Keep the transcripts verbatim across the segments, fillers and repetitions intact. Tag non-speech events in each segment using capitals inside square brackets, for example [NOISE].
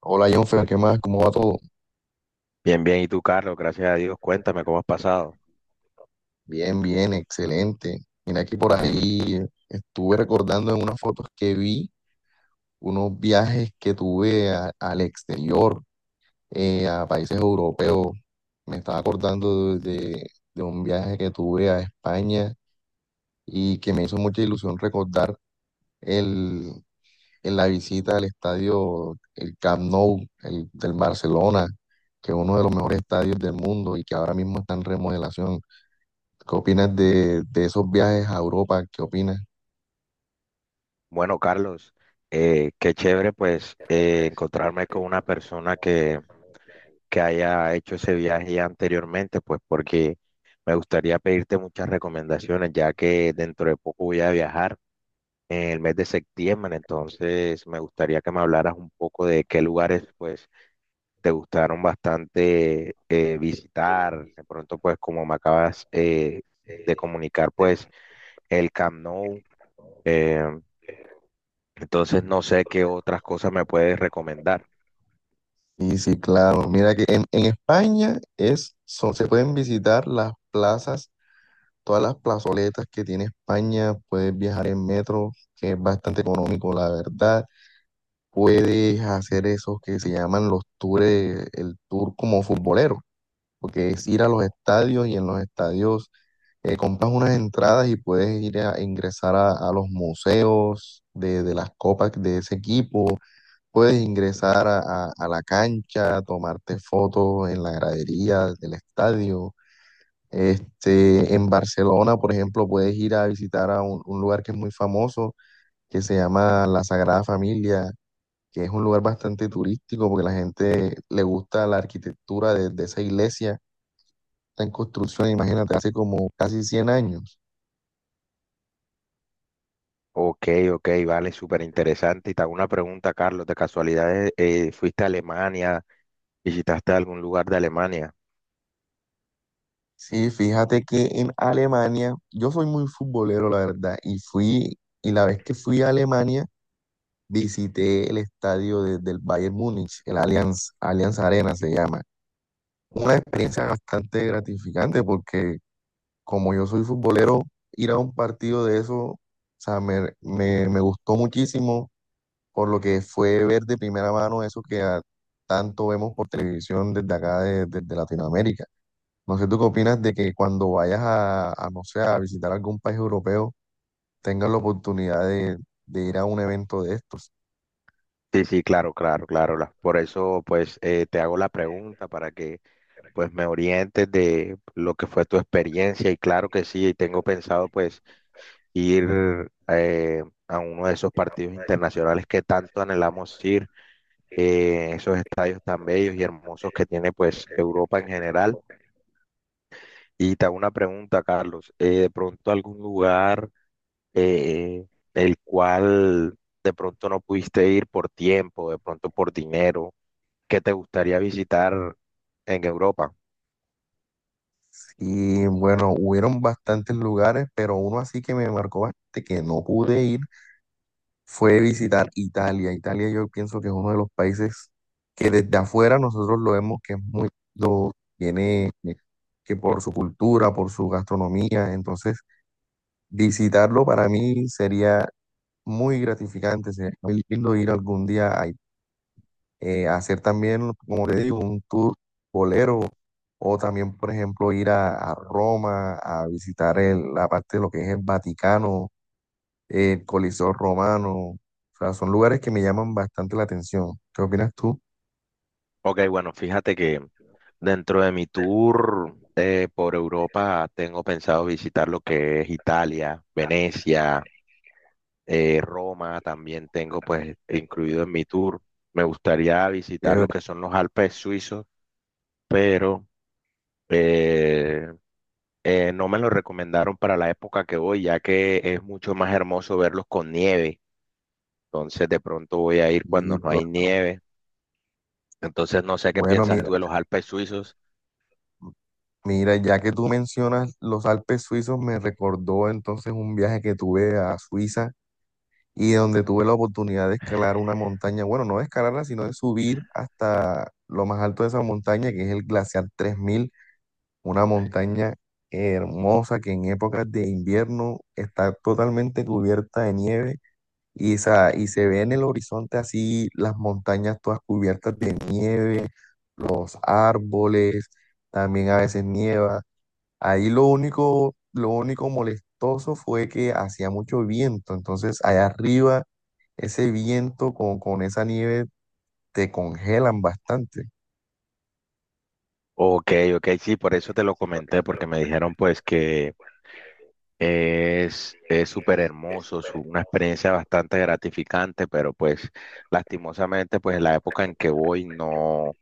Hola Jonfer, ¿qué más? ¿Cómo va todo? Bien, bien. ¿Y tú, Carlos? Gracias a Dios. Cuéntame cómo has pasado. Bien, bien, excelente. Mira que por ahí eh, estuve recordando en unas fotos que vi unos viajes que tuve a- al exterior, eh, a países europeos. Me estaba acordando de, de- de un viaje que tuve a España y que me hizo mucha ilusión recordar el, en la visita al estadio, el Camp Nou, el del Barcelona, que es uno de los mejores estadios del mundo y que ahora mismo está en remodelación. ¿Qué opinas de, de esos viajes a Europa? ¿Qué opinas? Bueno, Carlos, eh, qué chévere pues eh, Pues, encontrarme con eh, una contamos, persona pues. que, que haya hecho ese viaje ya anteriormente, pues porque me gustaría pedirte muchas recomendaciones, ya que dentro de poco voy a viajar en el mes de septiembre. Entonces me gustaría que me hablaras un poco de qué lugares pues te gustaron bastante eh, visitar, de pronto pues como me acabas eh, de comunicar pues el Camp Nou. eh, entonces no sé qué otras cosas me puedes recomendar. Y sí, claro, mira que en, en España es, son- se pueden visitar las plazas, todas las plazoletas que tiene España, puedes viajar en metro, que es bastante económico, la verdad. Puedes hacer esos que se llaman los tours, el tour como futbolero, porque es ir a los estadios y en los estadios eh, compras unas entradas y puedes ir a ingresar a, a los museos de, de las copas de ese equipo, puedes ingresar a, a- a la cancha, tomarte fotos en la gradería del estadio. Este, en Barcelona, por ejemplo, puedes ir a visitar a un, un lugar que es muy famoso, que se llama La Sagrada Familia, que es un lugar bastante turístico porque la gente le gusta la arquitectura de, de esa iglesia. Está en construcción, imagínate, hace como casi cien años. Ok, ok, vale, súper interesante. Y te hago una pregunta, Carlos, de casualidad, eh, eh, ¿fuiste a Alemania? ¿Visitaste algún lugar de Alemania? Sí, fíjate que en Alemania, yo soy muy futbolero, la verdad, y fui, y la vez que fui a Alemania, visité el estadio de- del Bayern Múnich, el Allianz, Allianz Arena se llama. Una experiencia bastante gratificante porque como yo soy futbolero, ir a un partido de eso, o sea, me, me, me gustó muchísimo por lo que fue ver de primera mano eso que a- tanto vemos por televisión desde acá, de- desde Latinoamérica. No sé, ¿tú qué opinas de que cuando vayas a, a, no sé, a visitar algún país europeo, tengas la oportunidad de, de ir a un evento de estos? Sí, sí, claro, claro, claro. la- Por eso, pues, eh, te hago la pregunta para que, pues, me orientes de lo que fue tu experiencia. Y claro que sí, tengo pensado, pues, ir eh, a uno de esos partidos internacionales que tanto anhelamos ir. Eh, esos estadios tan bellos y hermosos que tiene pues Europa en general. Y te hago una pregunta, Carlos, eh, de pronto algún lugar eh, el cual de pronto no pudiste ir por tiempo, de pronto por dinero, que te gustaría visitar en Europa. Y bueno, hubieron bastantes lugares, pero uno así que me marcó bastante, que no pude ir, fue visitar Italia. Italia yo pienso que es uno de los países que desde afuera nosotros lo vemos que es muy lindo, tiene eh, que por su cultura, por su gastronomía, entonces visitarlo para mí sería muy gratificante, sería muy lindo ir algún día a, eh, a hacer también, como te digo, un tour bolero o también, por ejemplo, ir a, a Roma a visitar el- la parte de lo que es el Vaticano, eh, el Coliseo Romano. O sea, son lugares que me llaman bastante la atención. ¿Qué opinas tú? Ok, bueno, fíjate que dentro de mi tour eh, por Europa tengo pensado visitar lo que es Italia, Venecia, eh, Roma también tengo pues incluido en mi tour. Me gustaría visitar Chévere. los que son los Alpes suizos, pero eh, eh, no me lo recomendaron para la época que voy, ya que es mucho más hermoso verlos con nieve. Entonces de pronto voy a ir cuando Sí, no hay claro. nieve. Entonces no sé qué Bueno, piensas mira, tú de los Alpes suizos. mira, ya que tú mencionas los Alpes suizos, me recordó entonces un viaje que tuve a Suiza y donde tuve la oportunidad de escalar una montaña, bueno, no de escalarla, sino de subir hasta lo más alto de esa montaña, que es el glaciar tres mil, una montaña hermosa que en épocas de invierno está totalmente cubierta de nieve y, sa- y se ve en el horizonte así las montañas todas cubiertas de nieve, los árboles, también a veces nieva. Ahí lo único, lo único molestoso fue que hacía mucho viento, entonces allá arriba ese viento con, con esa nieve te congelan bastante. Ok, ok, sí, por eso te lo comenté, porque me dijeron pues que Es, es súper hermoso, es una experiencia bastante gratificante, pero pues lastimosamente pues en la época en que voy no,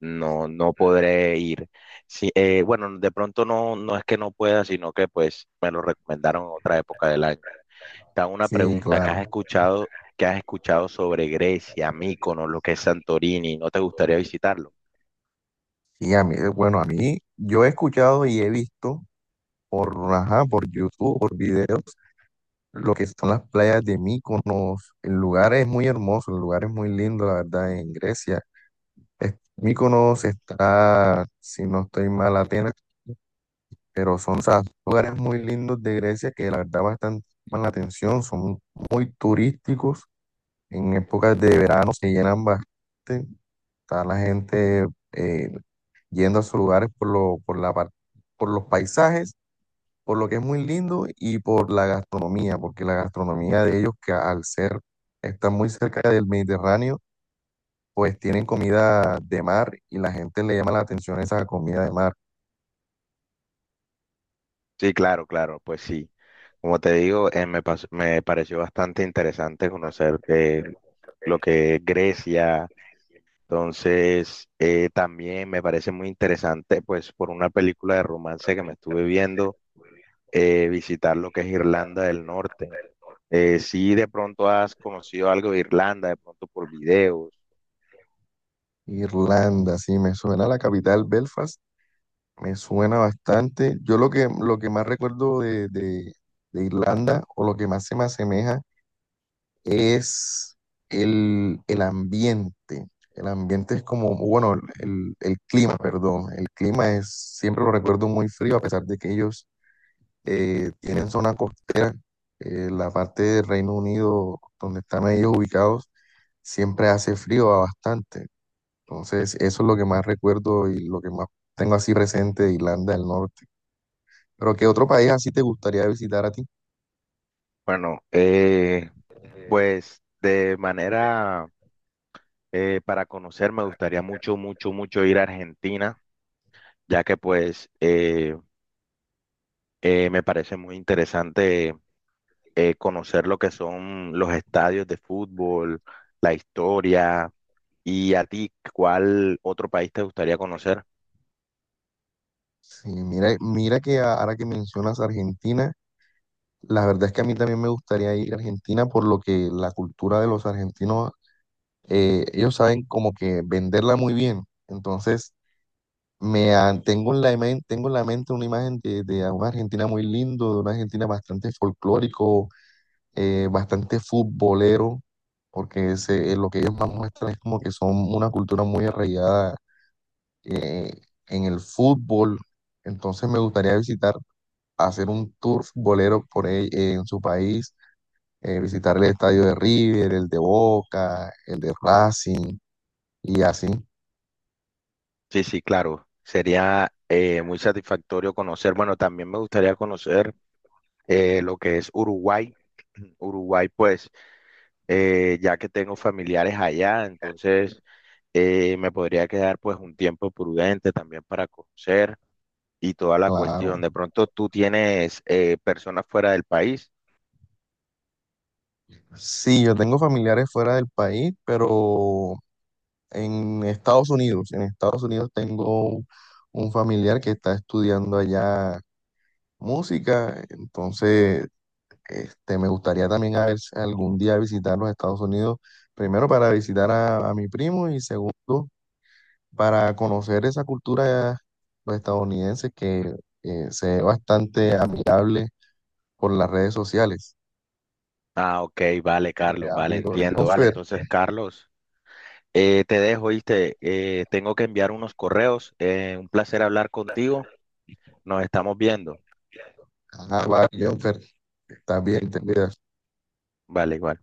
no, no podré ir. Sí, eh, bueno, de pronto no, no es que no pueda, sino que pues me lo recomendaron en otra época del año. Te hago una Sí, pregunta, ¿qué has claro. escuchado, ¿qué has escuchado sobre Grecia, Míconos, lo que es Santorini? ¿No te gustaría visitarlo? Y a mí, bueno, a mí, yo he escuchado y he visto por, ajá, por YouTube, por videos, lo que son las playas de Mykonos. El lugar es muy hermoso, el lugar es muy lindo, la verdad, en Grecia. Es- Mykonos está, si no estoy mal, Atenas, pero son, o sea, lugares muy lindos de Grecia que la verdad bastante llaman la atención, son muy turísticos. En épocas de verano se llenan bastante. Está la gente eh, yendo a sus lugares por lo, por la, par- por los paisajes, por lo que es muy lindo y por la gastronomía, porque la gastronomía de ellos, que al ser, está muy cerca del Mediterráneo, pues tienen comida de mar y la gente le llama la atención esa comida de mar. Sí, claro, claro, pues sí. Como te digo, eh, me, pas- me pareció bastante interesante conocer eh, lo que es Grecia. Entonces, eh, también me parece muy interesante, pues por una película de romance que me estuve viendo, eh, visitar lo que es Irlanda del Norte. Eh, si de pronto has conocido algo de Irlanda, de pronto por videos. Irlanda, sí, me suena la capital, Belfast, me suena bastante. Yo lo que, lo que más recuerdo de, de de Irlanda o lo que más se me asemeja es el, el ambiente. El ambiente es como, bueno, el, el clima, perdón. El clima es, siempre lo recuerdo muy frío, a pesar de que ellos eh, tienen zona costera. Eh, la parte del Reino Unido donde están ellos ubicados siempre hace frío bastante. Entonces, eso es lo que más recuerdo y lo que más tengo así presente de Irlanda del Norte. Pero ¿qué otro país así te gustaría visitar a ti? Bueno, eh, pues de manera eh, para conocer, me gustaría mucho, mucho, mucho ir a Argentina, ya que pues eh, eh, me parece muy interesante eh, conocer lo que son los estadios de fútbol, la historia, y a ti, ¿cuál otro país te gustaría conocer? Sí, mira, mira que a- ahora que mencionas Argentina. La verdad es que a mí también me gustaría ir a Argentina por lo que la cultura de los argentinos, eh, ellos saben como que venderla muy bien. Entonces, me han- tengo en la, imen- tengo en la mente una imagen de, de una Argentina muy lindo, de una Argentina bastante folclórico, eh, bastante futbolero, porque ese, eh, lo que ellos más muestran es como que son una cultura muy arraigada eh, en el fútbol. Entonces, me gustaría visitar, hacer un tour futbolero por ahí, eh, en su país eh, visitar el estadio de River, el de Boca, el de Racing y así, Sí, sí, claro, sería eh, muy satisfactorio conocer, bueno, también me gustaría conocer eh, lo que es Uruguay. [CLEARS THROAT] Uruguay, pues, eh, ya que tengo familiares allá, entonces eh, me podría quedar pues un tiempo prudente también para conocer y toda la cuestión. claro. De pronto tú tienes eh, personas fuera del país. Sí, yo tengo familiares fuera del país, pero en Estados Unidos, en Estados Unidos tengo un familiar que está estudiando allá música, entonces este, me gustaría también a ver si algún día visitar los Estados Unidos, primero para visitar a, a mi primo y segundo para conocer esa cultura pues, estadounidense que eh, se ve bastante amigable por las redes sociales. Ah, ok, vale, Eh, Carlos, vale, amigo, entiendo, vale. Jonfer, Entonces, Carlos, eh, te dejo, ¿viste? Eh, tengo que enviar unos correos. Eh, un placer hablar contigo. Nos estamos viendo. ajá, va, Jonfer, estás bien, te cuidas. Vale, igual.